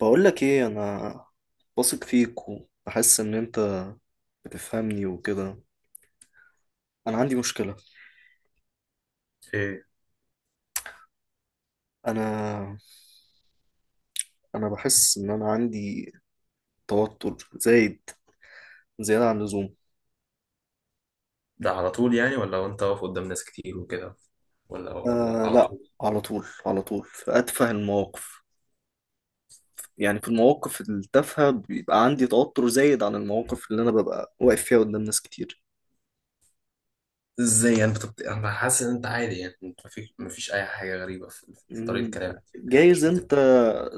بقول لك ايه، انا واثق فيك وبحس ان انت بتفهمني وكده. انا عندي مشكلة. ايه. انا انا بحس ان انا عندي توتر زايد زيادة عن اللزوم. ده على طول يعني، ولا وانت واقف قدام ناس كتير وكده، ولا آه على لا، طول؟ على طول على طول في اتفه المواقف. يعني في المواقف التافهة بيبقى عندي توتر زايد عن المواقف اللي انا ببقى واقف فيها قدام ناس كتير. ازاي يعني انا حاسس ان انت عادي، يعني انت مفيش اي حاجه غريبه في طريقه مم، كلامك كده، مش جايز بت... انت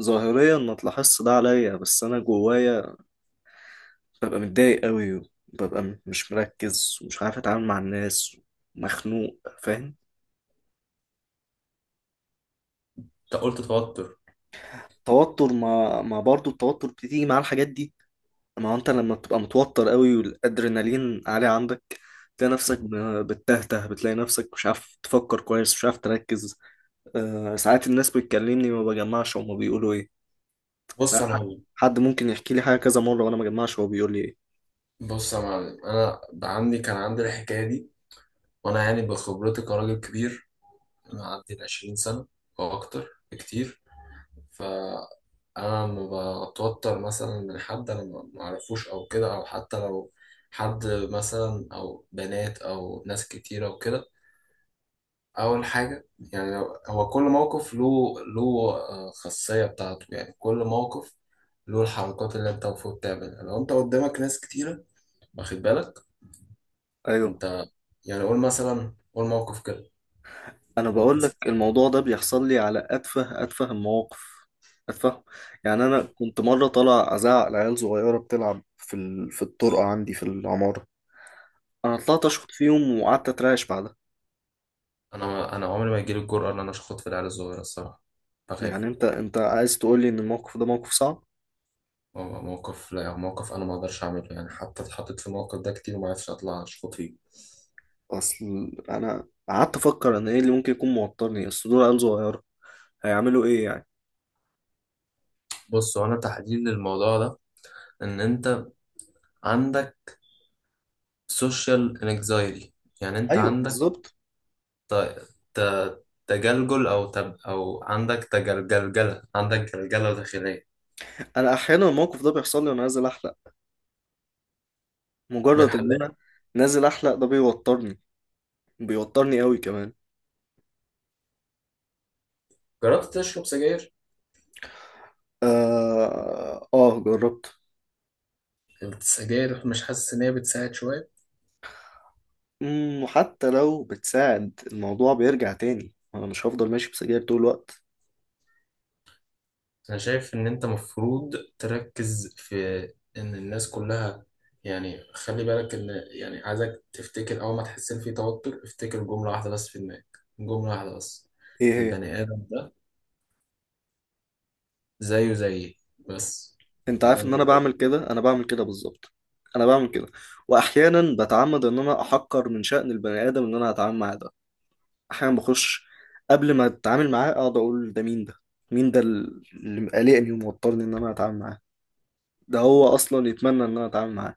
ظاهريا ما تلاحظش ده عليا، بس انا جوايا ببقى متضايق قوي، وببقى مش مركز ومش عارف اتعامل مع الناس، مخنوق، فاهم؟ انت قلت توتر. توتر، ما برضه التوتر بتيجي مع الحاجات دي. ما هو انت لما بتبقى متوتر قوي والادرينالين عالي عندك تلاقي نفسك بتتهته، بتلاقي نفسك مش عارف تفكر كويس، مش عارف تركز. آه، ساعات الناس بتكلمني ما بجمعش هما بيقولوا ايه. بص ساعات يا حد معلم حد ممكن يحكي لي حاجة كذا مرة وانا ما بجمعش هو بيقول لي ايه. بص يا معلم، انا بقى كان عندي الحكايه دي، وانا يعني بخبرتي كراجل كبير معدي ال 20 سنه او اكتر بكتير. فأنا لما بتوتر مثلا من حد أنا ما أعرفوش أو كده، أو حتى لو حد مثلا أو بنات أو ناس كتيرة وكده، أول حاجة يعني هو كل موقف له خاصية بتاعته. يعني كل موقف له الحركات اللي أنت المفروض تعملها لو أنت قدامك ناس كتيرة. واخد بالك؟ ايوه، أنت يعني قول مثلا، قول موقف كده، انا قدامك بقول ناس لك كتير. الموضوع ده بيحصل لي على اتفه اتفه المواقف. اتفه. يعني انا كنت مره طالع ازعق لعيال صغيره بتلعب في الطرقه عندي في العماره. انا طلعت اشخط فيهم وقعدت اترعش بعدها. أنا عمري ما يجيلي الجرأة إن أنا أشخط في العيال الصغيرة الصراحة، يعني بخاف. انت عايز تقول لي ان الموقف ده موقف صعب. موقف، لا، موقف انا ما اقدرش اعمله، يعني حتى اتحطيت في الموقف ده كتير وما عرفتش اطلع اشخط فيه. اصل انا قعدت افكر ان ايه اللي ممكن يكون موترني، اصل دول عيال صغيره، هيعملوا ايه يعني؟ بص، هو انا تحديد للموضوع ده ان انت عندك سوشيال انكزايتي. يعني انت ايوه عندك بالظبط. تجلجل او تب او عندك تجلجلجله، عندك جلجله داخليه. انا احيانا الموقف ده بيحصل لي وانا نازل احلق. من مجرد ان انا الحلاق؟ نازل احلق ده بيوترني، بيوترني قوي كمان. جربت تشرب سجاير؟ آه، آه جربت. السجاير مش حاسس ان هي بتساعد شويه؟ وحتى لو بتساعد الموضوع بيرجع تاني، أنا مش هفضل ماشي بسجاير طول الوقت. أنا شايف إن أنت مفروض تركز في إن الناس كلها، يعني خلي بالك إن، يعني عايزك تفتكر أول ما تحس إن في توتر، افتكر جملة واحدة بس في دماغك، جملة واحدة بس: إيه هي؟ البني آدم ده زيه زيي بس. أنت البني عارف آدم إن ده أنا بعمل زيه. كده، أنا بعمل كده بالظبط. أنا بعمل كده، وأحيانا بتعمد إن أنا أحقر من شأن البني آدم إن أنا أتعامل معاه ده. أحيانا بخش قبل ما أتعامل معاه أقعد أقول ده مين ده؟ مين ده اللي قلقني وموترني إن أنا أتعامل معاه؟ ده هو أصلا يتمنى إن أنا أتعامل معاه.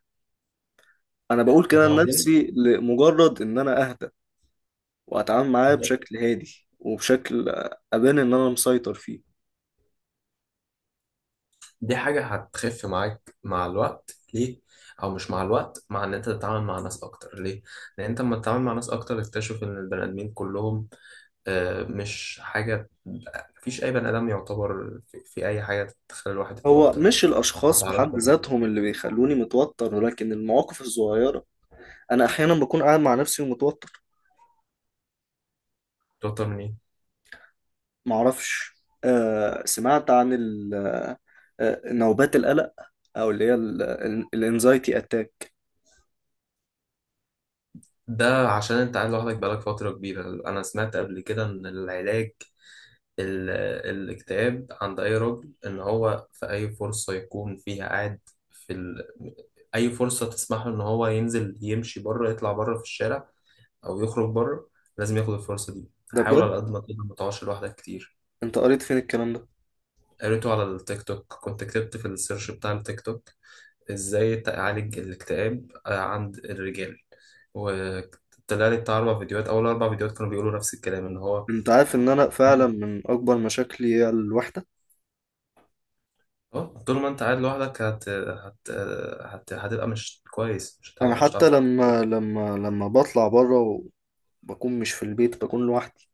أنا بقول كده وبعدين لنفسي لمجرد إن أنا أهدى، واتعامل معاه بشكل هادي وبشكل ابان ان انا مسيطر فيه. دي حاجة هتخف معاك مع الوقت. ليه؟ أو مش مع الوقت، مع إن أنت تتعامل مع ناس أكتر. ليه؟ لأن أنت لما تتعامل مع ناس أكتر تكتشف إن البني آدمين كلهم مش حاجة، مفيش أي بني آدم يعتبر في أي حاجة تخلي الواحد هو يتوتر. مش ما الاشخاص تعرفش بحد ذاتهم اللي بيخلوني متوتر، ولكن المواقف الصغيره. انا احيانا بكون قاعد مع نفسي ومتوتر. تتوتر من إيه؟ معرفش. آه، سمعت عن ال- آه، نوبات القلق، او اللي هي الانزايتي اتاك. ده عشان أنت قاعد لوحدك بقالك فترة كبيرة. أنا سمعت قبل كده إن العلاج، ال- الاكتئاب عند أي راجل، إن هو في أي فرصة يكون فيها قاعد في ال... أي فرصة تسمح له إن هو ينزل يمشي بره، يطلع بره في الشارع أو يخرج بره، لازم ياخد الفرصة دي. ده حاول على بجد؟ قد ما تقدر ما تقعدش لوحدك كتير. انت قريت فين الكلام ده؟ قريته على التيك توك، كنت كتبت في السيرش بتاع التيك توك: ازاي تعالج الاكتئاب عند الرجال، وطلع لي بتاع اربع فيديوهات. اول اربع فيديوهات كانوا بيقولوا نفس الكلام، ان هو انت عارف ان انا فعلا من اكبر مشاكلي هي الوحده. اه، طول ما انت قاعد لوحدك هتبقى مش كويس، انا مش حتى هتعرف تتكلم. لما بطلع بره وبكون مش في البيت بكون لوحدي،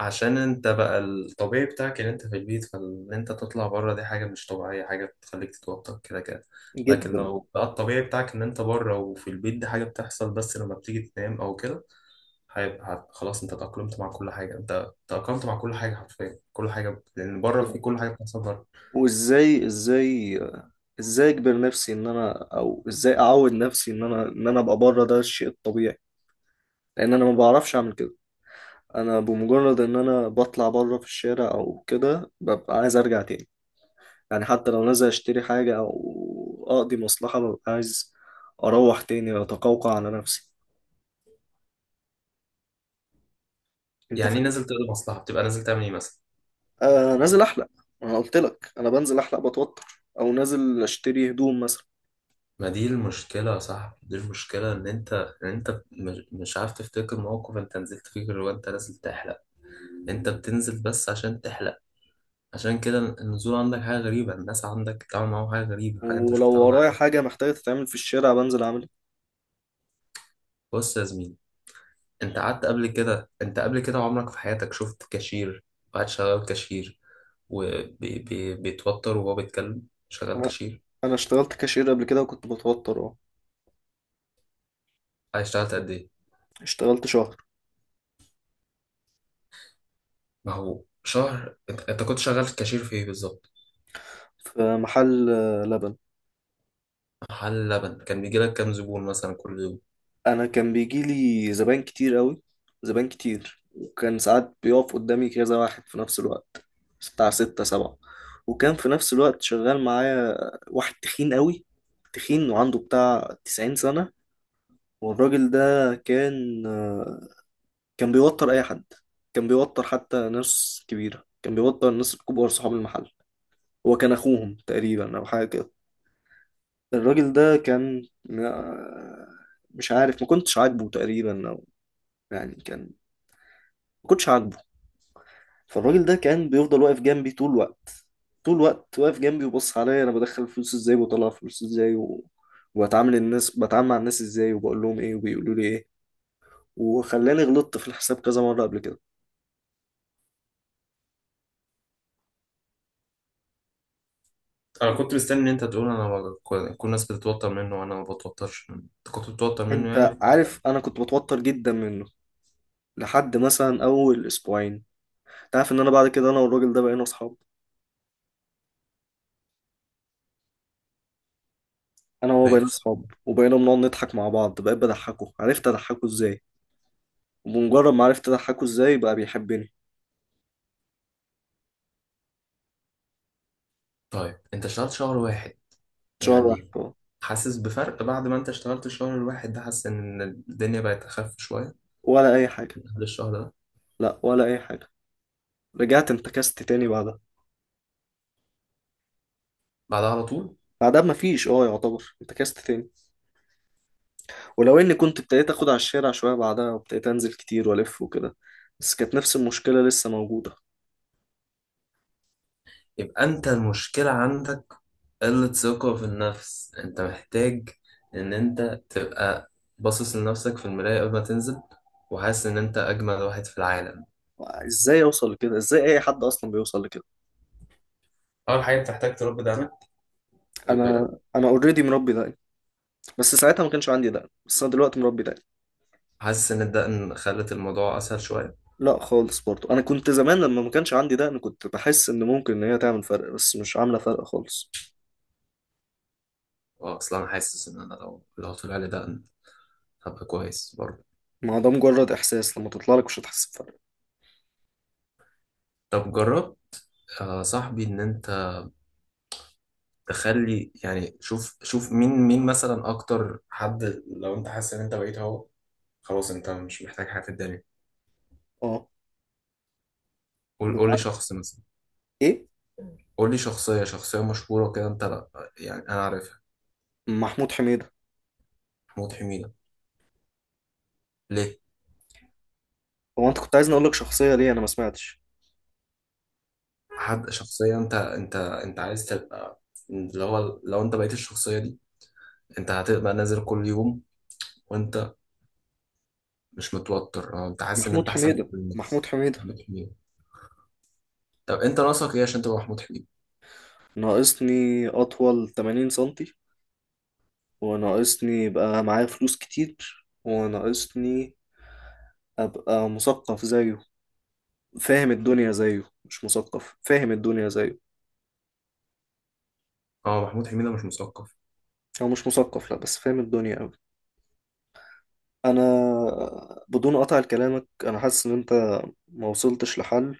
عشان انت بقى الطبيعي بتاعك ان انت في البيت، فان انت تطلع بره دي حاجه مش طبيعيه، حاجه بتخليك تتوتر كده كده. لكن جدا. لو بقى الطبيعي بتاعك ان انت بره، وفي البيت دي حاجه بتحصل بس لما بتيجي تنام او كده، هيبقى خلاص، انت تأقلمت مع كل حاجة. انت تأقلمت مع كل حاجة حرفيا، كل حاجة، لأن بره في كل حاجة بتحصل بره. وازاي، ازاي اجبر نفسي ان انا، او ازاي اعود نفسي ان انا ابقى بره ده الشيء الطبيعي؟ لان انا ما بعرفش اعمل كده. انا بمجرد ان انا بطلع بره في الشارع او كده ببقى عايز ارجع تاني. يعني حتى لو نازل اشتري حاجة او اقضي مصلحة ببقى عايز اروح تاني واتقوقع على نفسي. انت يعني ايه فاهم؟ نازل تقضي مصلحة؟ بتبقى نازل تعمل ايه مثلا؟ آه، نازل احلق. انا قلت لك انا بنزل احلق بتوتر. او نازل اشتري هدوم مثلا. ما دي المشكلة يا صاحبي. دي المشكلة ان انت مش عارف تفتكر موقف انت نزلت فيه غير وانت نازل تحلق. انت بتنزل بس عشان تحلق. عشان كده النزول عندك حاجة غريبة، الناس عندك تعمل معاهم حاجة غريبة، حاجة انت مش ولو متعود ورايا عليها. حاجة محتاجة تتعمل في الشارع بنزل اعملها. بص يا زميلي، انت قبل كده عمرك في حياتك شفت كاشير قاعد شغال كاشير وبيتوتر وهو بيتكلم، شغال لا، كاشير؟ انا اشتغلت كاشير قبل كده وكنت بتوتر، اه. قاعد اشتغلت قد ايه؟ اشتغلت شهر. ما هو شهر، انت كنت شغال كاشير في ايه بالظبط؟ في محل لبن. محل لبن. كان بيجي لك كام زبون مثلا كل يوم؟ انا كان بيجي لي زباين كتير قوي، زباين كتير، وكان ساعات بيقف قدامي كذا واحد في نفس الوقت، بتاع ستة سبعة. وكان في نفس الوقت شغال معايا واحد تخين قوي، تخين وعنده بتاع 90 سنة. والراجل ده كان، كان بيوتر أي حد. كان بيوتر حتى ناس كبيرة، كان بيوتر الناس الكبار صحاب المحل. هو كان أخوهم تقريبا أو حاجة. الراجل ده كان، آه، مش عارف، ما كنتش عاجبه تقريبا، او يعني كان ما كنتش عاجبه. فالراجل ده كان بيفضل واقف جنبي طول الوقت، طول الوقت واقف جنبي، وبص عليا انا بدخل فلوس ازاي وبطلع فلوس ازاي وبتعامل الناس، بتعامل مع الناس ازاي، وبقول لهم ايه وبيقولوا لي ايه، وخلاني غلطت في الحساب كذا مرة قبل كده. انا كنت مستني ان انت تقول: انا كل الناس بتتوتر منه وانا ما بتوترش منه. انت كنت بتتوتر منه يعني انت في الاخر. عارف انا كنت بتوتر جدا منه لحد مثلا اول اسبوعين. انت عارف ان انا بعد كده انا والراجل ده بقينا اصحاب. انا وهو لقيته بقينا صعب. اصحاب، وبقينا بنقعد نضحك مع بعض، بقيت بضحكه، عرفت اضحكه ازاي، وبمجرد ما عرفت اضحكه ازاي بقى بيحبني. طيب انت اشتغلت شهر واحد شهر واحد، يعني. اه. حاسس بفرق بعد ما انت اشتغلت الشهر الواحد ده؟ حاسس ان الدنيا بقت اخف شوية ولا اي حاجه. بعد الشهر ده؟ لا، ولا اي حاجه. رجعت انتكست تاني بعدها. بعدها على طول؟ بعدها مفيش، اه، يعتبر انتكست تاني. ولو اني كنت ابتديت اخد على الشارع شويه بعدها وابتديت انزل كتير والف وكده، بس كانت نفس المشكله لسه موجوده. يبقى انت المشكلة عندك قلة ثقة في النفس. انت محتاج ان انت تبقى باصص لنفسك في المراية قبل ما تنزل، وحاسس ان انت اجمل واحد في العالم. ازاي اوصل لكده؟ ازاي اي حد اصلا بيوصل لكده؟ اول حاجة بتحتاج تربي دقنك، خد بالك. انا اوريدي مربي دقن، بس ساعتها ما كانش عندي دقن، بس انا دلوقتي مربي دقن. حاسس ان الدقن خلت الموضوع اسهل شوية؟ لا خالص، برضو انا كنت زمان لما ما كانش عندي ده انا كنت بحس ان ممكن ان هي تعمل فرق، بس مش عامله فرق خالص. اه، اصلا حاسس ان انا لو طلع لي دقن هبقى كويس برضه. ما هو ده مجرد احساس، لما تطلع لك مش هتحس بفرق. طب جرب. آه صاحبي، ان انت تخلي، يعني شوف شوف مين مين مثلا اكتر حد لو انت حاسس ان انت بقيت هو، خلاص انت مش محتاج حاجه في الدنيا. اه. قول قول لي بمعنى شخص مثلا. ايه؟ قول لي شخصيه شخصيه مشهوره كده انت، لا يعني انا عارفها. محمود حميدة. محمود حميده؟ ليه؟ هو انت كنت عايزني اقول لك شخصيه ليه؟ انا ما سمعتش. حد شخصيه انت عايز تبقى، اللي هو لو انت بقيت الشخصيه دي انت هتبقى نازل كل يوم وانت مش متوتر، اه انت حاسس ان محمود انت احسن من حميدة، كل محمود الناس. حميدة. محمود حميده؟ طب انت ناقصك ايه عشان تبقى محمود حميده؟ ناقصني اطول 80 سنتي، وناقصني يبقى معايا فلوس كتير، وناقصني ابقى مثقف زيه، فاهم الدنيا زيه. مش مثقف، فاهم الدنيا زيه. اه محمود حميده مش مثقف؟ هو مش مثقف، لا، بس فاهم الدنيا. انا، بدون قطع كلامك، انا حاسس ان انت ما وصلتش لحل،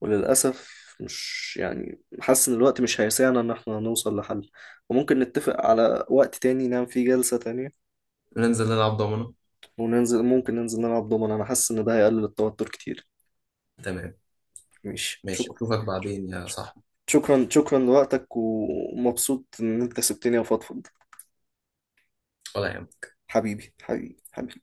وللاسف، مش يعني، حاسس ان الوقت مش هيسعنا ان احنا نوصل لحل. وممكن نتفق على وقت تاني نعمل فيه جلسة تانية. ننزل نلعب ضمنه؟ وننزل، ممكن ننزل نلعب دومنا. انا حاسس ان ده هيقلل التوتر كتير. تمام. ماشي، ماشي شكرا. اشوفك بعدين يا صاحبي. شكرا، شكرا لوقتك، ومبسوط ان انت سبتني افضفض. ولا يهمك. حبيبي حبيبي حبيبي.